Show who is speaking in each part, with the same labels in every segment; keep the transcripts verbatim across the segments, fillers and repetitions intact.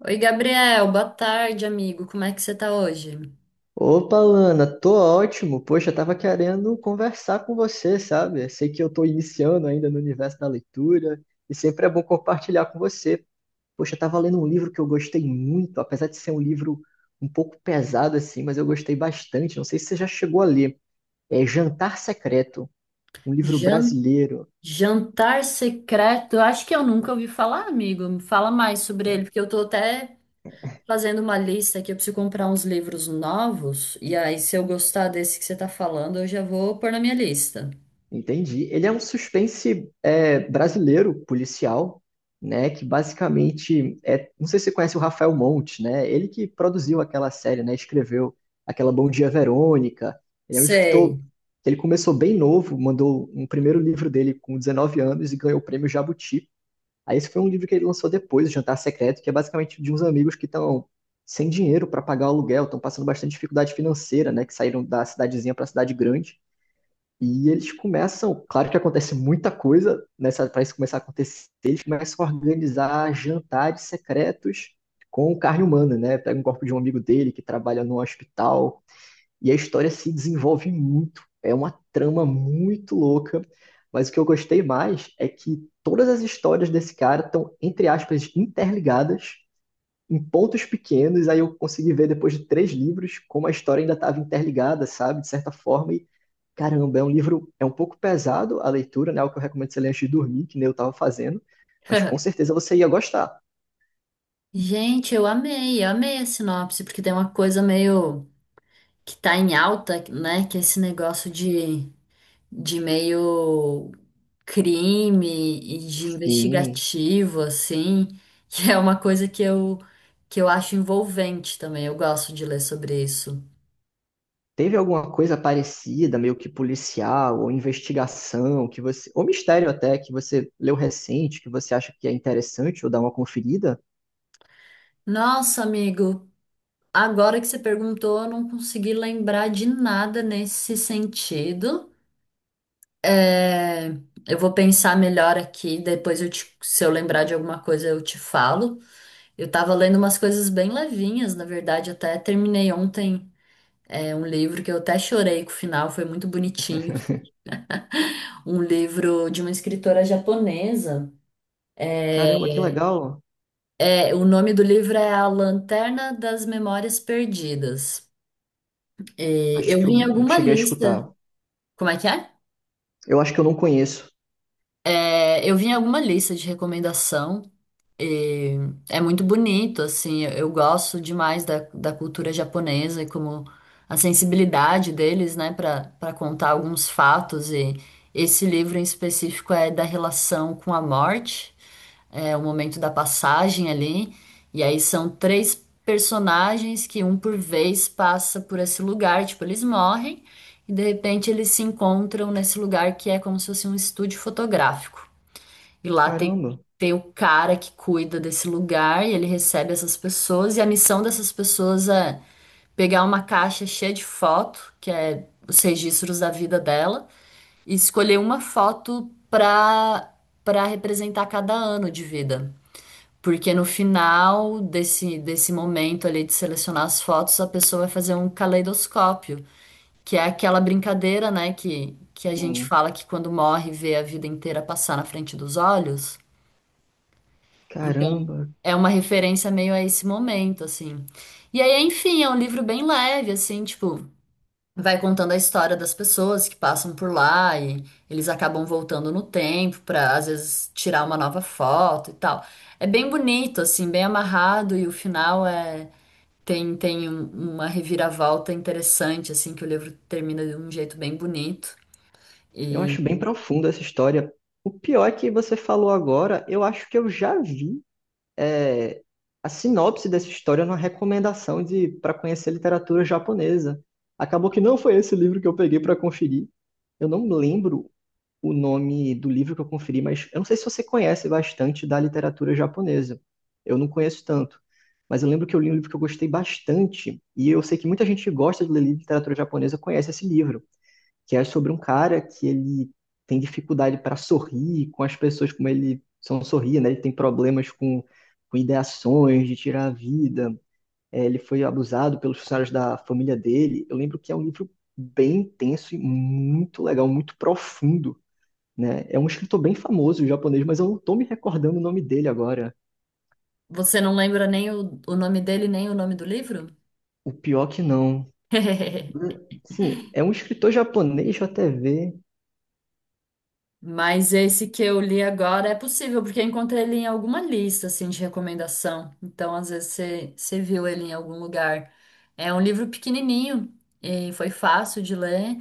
Speaker 1: Oi, Gabriel, boa tarde, amigo. Como é que você tá hoje?
Speaker 2: Opa, Lana, tô ótimo. Poxa, eu tava querendo conversar com você, sabe? Eu sei que eu tô iniciando ainda no universo da leitura e sempre é bom compartilhar com você. Poxa, eu tava lendo um livro que eu gostei muito, apesar de ser um livro um pouco pesado assim, mas eu gostei bastante. Não sei se você já chegou a ler. É Jantar Secreto, um livro
Speaker 1: Jan-
Speaker 2: brasileiro.
Speaker 1: Jantar secreto? Eu acho que eu nunca ouvi falar, amigo. Me fala mais sobre
Speaker 2: É,
Speaker 1: ele, porque eu tô até fazendo uma lista aqui. Eu preciso comprar uns livros novos. E aí, se eu gostar desse que você tá falando, eu já vou pôr na minha lista.
Speaker 2: entendi. Ele é um suspense é, brasileiro, policial, né? Que basicamente é. Não sei se você conhece o Rafael Monte, né? Ele que produziu aquela série, né? Escreveu aquela Bom Dia Verônica. Ele é um escritor
Speaker 1: Sei.
Speaker 2: que ele começou bem novo, mandou um primeiro livro dele com dezenove anos e ganhou o prêmio Jabuti. Aí esse foi um livro que ele lançou depois, O Jantar Secreto, que é basicamente de uns amigos que estão sem dinheiro para pagar o aluguel, estão passando bastante dificuldade financeira, né? Que saíram da cidadezinha para a cidade grande e eles começam, claro que acontece muita coisa nessa para isso começar a acontecer, eles começam a organizar jantares secretos com carne humana, né? Pega um corpo de um amigo dele que trabalha num hospital e a história se desenvolve muito. É uma trama muito louca, mas o que eu gostei mais é que todas as histórias desse cara estão, entre aspas, interligadas em pontos pequenos, aí eu consegui ver depois de três livros como a história ainda estava interligada, sabe? De certa forma, e caramba, é um livro, é um pouco pesado a leitura, né? O que eu recomendo você ler antes de dormir, que nem eu estava fazendo, mas com certeza você ia gostar.
Speaker 1: Gente, eu amei, eu amei a sinopse, porque tem uma coisa meio que tá em alta, né? Que é esse negócio de, de meio crime e de
Speaker 2: Sim.
Speaker 1: investigativo, assim, que é uma coisa que eu, que eu acho envolvente também. Eu gosto de ler sobre isso.
Speaker 2: Teve alguma coisa parecida, meio que policial, ou investigação, que você, ou mistério até, que você leu recente, que você acha que é interessante, ou dá uma conferida?
Speaker 1: Nossa, amigo, agora que você perguntou, eu não consegui lembrar de nada nesse sentido. É, eu vou pensar melhor aqui, depois eu te- se eu lembrar de alguma coisa eu te falo. Eu tava lendo umas coisas bem levinhas, na verdade, até terminei ontem, é, um livro que eu até chorei com o final, foi muito bonitinho. Um livro de uma escritora japonesa. É,
Speaker 2: Caramba, que legal!
Speaker 1: é, o nome do livro é A Lanterna das Memórias Perdidas. E
Speaker 2: Acho
Speaker 1: eu
Speaker 2: que
Speaker 1: vi
Speaker 2: eu
Speaker 1: em
Speaker 2: não
Speaker 1: alguma
Speaker 2: cheguei a
Speaker 1: lista.
Speaker 2: escutar.
Speaker 1: Como é que é?
Speaker 2: Eu acho que eu não conheço.
Speaker 1: É, eu vi em alguma lista de recomendação. E é muito bonito, assim. Eu, eu gosto demais da, da cultura japonesa e como a sensibilidade deles, né, para para contar alguns fatos. E esse livro em específico é da relação com a morte. É o momento da passagem ali. E aí são três personagens que um por vez passa por esse lugar, tipo, eles morrem e de repente eles se encontram nesse lugar que é como se fosse um estúdio fotográfico. E lá tem
Speaker 2: Caramba.
Speaker 1: tem o cara que cuida desse lugar e ele recebe essas pessoas e a missão dessas pessoas é pegar uma caixa cheia de foto, que é os registros da vida dela, e escolher uma foto para para representar cada ano de vida. Porque no final desse, desse momento ali de selecionar as fotos, a pessoa vai fazer um caleidoscópio, que é aquela brincadeira, né, que, que a gente
Speaker 2: Sim.
Speaker 1: fala que quando morre vê a vida inteira passar na frente dos olhos. Então,
Speaker 2: Caramba,
Speaker 1: é uma referência meio a esse momento, assim. E aí, enfim, é um livro bem leve, assim, tipo, vai contando a história das pessoas que passam por lá e eles acabam voltando no tempo para às vezes tirar uma nova foto e tal. É bem bonito assim, bem amarrado e o final é tem tem um- uma reviravolta interessante assim que o livro termina de um jeito bem bonito.
Speaker 2: eu
Speaker 1: E
Speaker 2: acho bem profunda essa história. O pior é que você falou agora, eu acho que eu já vi é, a sinopse dessa história numa recomendação de para conhecer literatura japonesa. Acabou que não foi esse livro que eu peguei para conferir. Eu não lembro o nome do livro que eu conferi, mas eu não sei se você conhece bastante da literatura japonesa. Eu não conheço tanto, mas eu lembro que eu li um livro que eu gostei bastante e eu sei que muita gente que gosta de ler literatura japonesa conhece esse livro, que é sobre um cara que ele tem dificuldade para sorrir com as pessoas, como ele são sorrir, né? Ele tem problemas com, com ideações de tirar a vida. É, ele foi abusado pelos funcionários da família dele. Eu lembro que é um livro bem intenso e muito legal, muito profundo, né? É um escritor bem famoso japonês, mas eu não tô me recordando o nome dele agora.
Speaker 1: você não lembra nem o, o nome dele nem o nome do livro?
Speaker 2: O pior que não. Sim, é um escritor japonês, deixa eu até ver.
Speaker 1: Mas esse que eu li agora é possível, porque eu encontrei ele em alguma lista, assim, de recomendação. Então, às vezes, você você viu ele em algum lugar. É um livro pequenininho e foi fácil de ler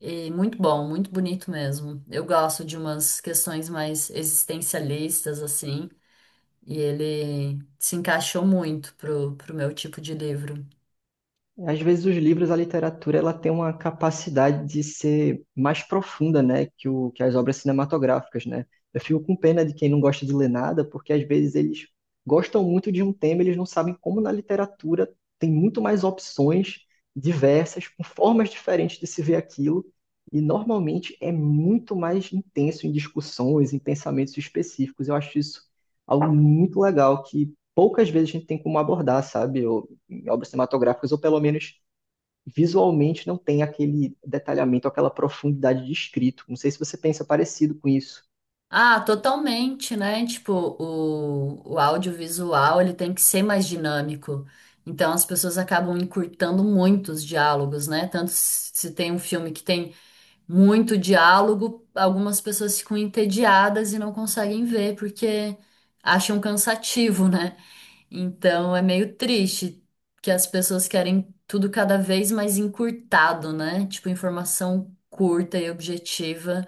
Speaker 1: e muito bom, muito bonito mesmo. Eu gosto de umas questões mais existencialistas, assim, e ele se encaixou muito pro, pro meu tipo de livro.
Speaker 2: Às vezes os livros, a literatura, ela tem uma capacidade de ser mais profunda, né, que o que as obras cinematográficas, né? Eu fico com pena de quem não gosta de ler nada, porque às vezes eles gostam muito de um tema, e eles não sabem como na literatura tem muito mais opções diversas, com formas diferentes de se ver aquilo, e normalmente é muito mais intenso em discussões, em pensamentos específicos. Eu acho isso algo muito legal que poucas vezes a gente tem como abordar, sabe? Em obras cinematográficas, ou pelo menos visualmente, não tem aquele detalhamento, aquela profundidade de escrito. Não sei se você pensa parecido com isso.
Speaker 1: Ah, totalmente, né? Tipo, o, o audiovisual ele tem que ser mais dinâmico. Então as pessoas acabam encurtando muito os diálogos, né? Tanto se se tem um filme que tem muito diálogo, algumas pessoas ficam entediadas e não conseguem ver porque acham cansativo, né? Então é meio triste que as pessoas querem tudo cada vez mais encurtado, né? Tipo, informação curta e objetiva.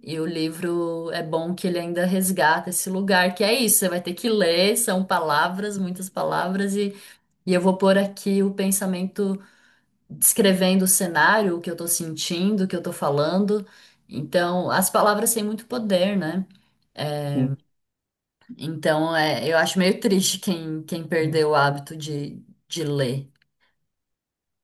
Speaker 1: E o livro é bom que ele ainda resgata esse lugar, que é isso, você vai ter que ler, são palavras, muitas palavras, e, e eu vou pôr aqui o pensamento descrevendo o cenário, o que eu tô sentindo, o que eu tô falando. Então, as palavras têm muito poder, né?
Speaker 2: Sim.
Speaker 1: Então, é, eu acho meio triste quem, quem perdeu o hábito de, de ler.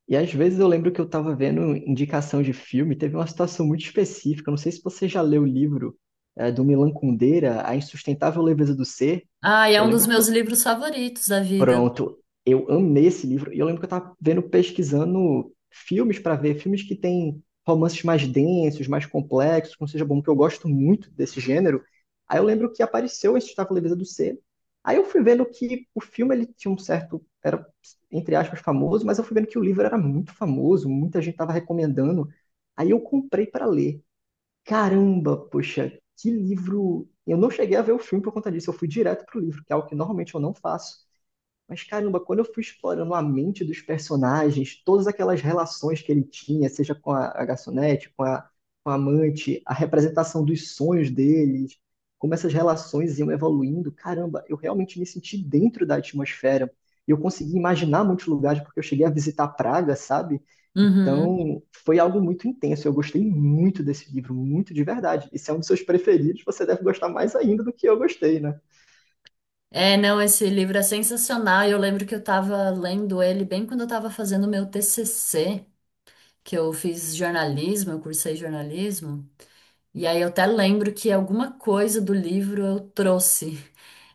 Speaker 2: E às vezes eu lembro que eu estava vendo indicação de filme, teve uma situação muito específica. Não sei se você já leu o livro eh, do Milan Kundera, A Insustentável Leveza do Ser.
Speaker 1: Ah, e é
Speaker 2: Eu
Speaker 1: um dos
Speaker 2: lembro que,
Speaker 1: meus livros favoritos da vida.
Speaker 2: pronto, eu amei esse livro. E eu lembro que eu tava vendo, pesquisando filmes para ver, filmes que têm romances mais densos, mais complexos, como seja bom, que eu gosto muito desse gênero. Aí eu lembro que apareceu esse Estava Leveza do Ser. Aí eu fui vendo que o filme ele tinha um certo, era entre aspas famoso, mas eu fui vendo que o livro era muito famoso, muita gente tava recomendando. Aí eu comprei para ler. Caramba, poxa, que livro! Eu não cheguei a ver o filme por conta disso, eu fui direto pro livro, que é algo que normalmente eu não faço. Mas caramba, quando eu fui explorando a mente dos personagens, todas aquelas relações que ele tinha, seja com a, a garçonete, com a, com a amante, a representação dos sonhos deles, como essas relações iam evoluindo, caramba, eu realmente me senti dentro da atmosfera. E eu consegui imaginar muitos lugares, porque eu cheguei a visitar Praga, sabe?
Speaker 1: Uhum.
Speaker 2: Então, foi algo muito intenso. Eu gostei muito desse livro, muito de verdade. E se é um dos seus preferidos, você deve gostar mais ainda do que eu gostei, né?
Speaker 1: É, não, esse livro é sensacional. Eu lembro que eu estava lendo ele bem quando eu estava fazendo o meu T C C, que eu fiz jornalismo, eu cursei jornalismo. E aí eu até lembro que alguma coisa do livro eu trouxe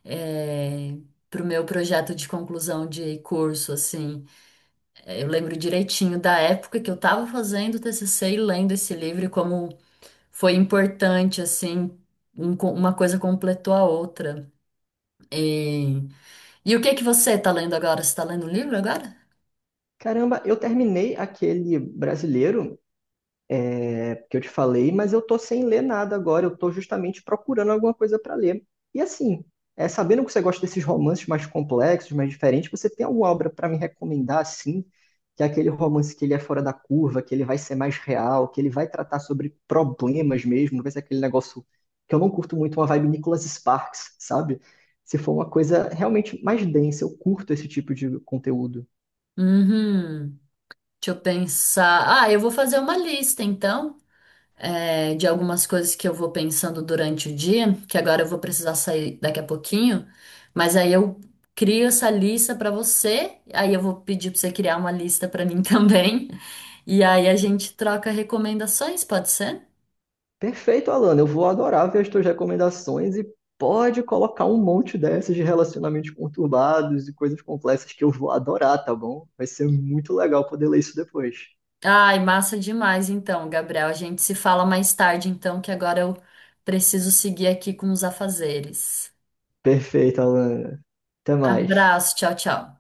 Speaker 1: é, pro meu projeto de conclusão de curso, assim. É, eu lembro direitinho da época que eu estava fazendo o T C C e lendo esse livro e como foi importante, assim, um co- uma coisa completou a outra. E, e o que que você está lendo agora? Você está lendo um livro agora?
Speaker 2: Caramba, eu terminei aquele brasileiro é, que eu te falei, mas eu tô sem ler nada agora, eu tô justamente procurando alguma coisa para ler. E assim, é, sabendo que você gosta desses romances mais complexos, mais diferentes, você tem alguma obra para me recomendar assim, que é aquele romance que ele é fora da curva, que ele vai ser mais real, que ele vai tratar sobre problemas mesmo, não vai ser aquele negócio que eu não curto muito, uma vibe Nicholas Sparks, sabe? Se for uma coisa realmente mais densa, eu curto esse tipo de conteúdo.
Speaker 1: Uhum. Deixa eu pensar. Ah, eu vou fazer uma lista, então, é, de algumas coisas que eu vou pensando durante o dia, que agora eu vou precisar sair daqui a pouquinho, mas aí eu crio essa lista para você, aí eu vou pedir para você criar uma lista para mim também, e aí a gente troca recomendações, pode ser?
Speaker 2: Perfeito, Alana. Eu vou adorar ver as tuas recomendações e pode colocar um monte dessas de relacionamentos conturbados e coisas complexas que eu vou adorar, tá bom? Vai ser muito legal poder ler isso depois.
Speaker 1: Ai, massa demais então, Gabriel. A gente se fala mais tarde então, que agora eu preciso seguir aqui com os afazeres.
Speaker 2: Perfeito, Alana. Até mais.
Speaker 1: Abraço, tchau, tchau.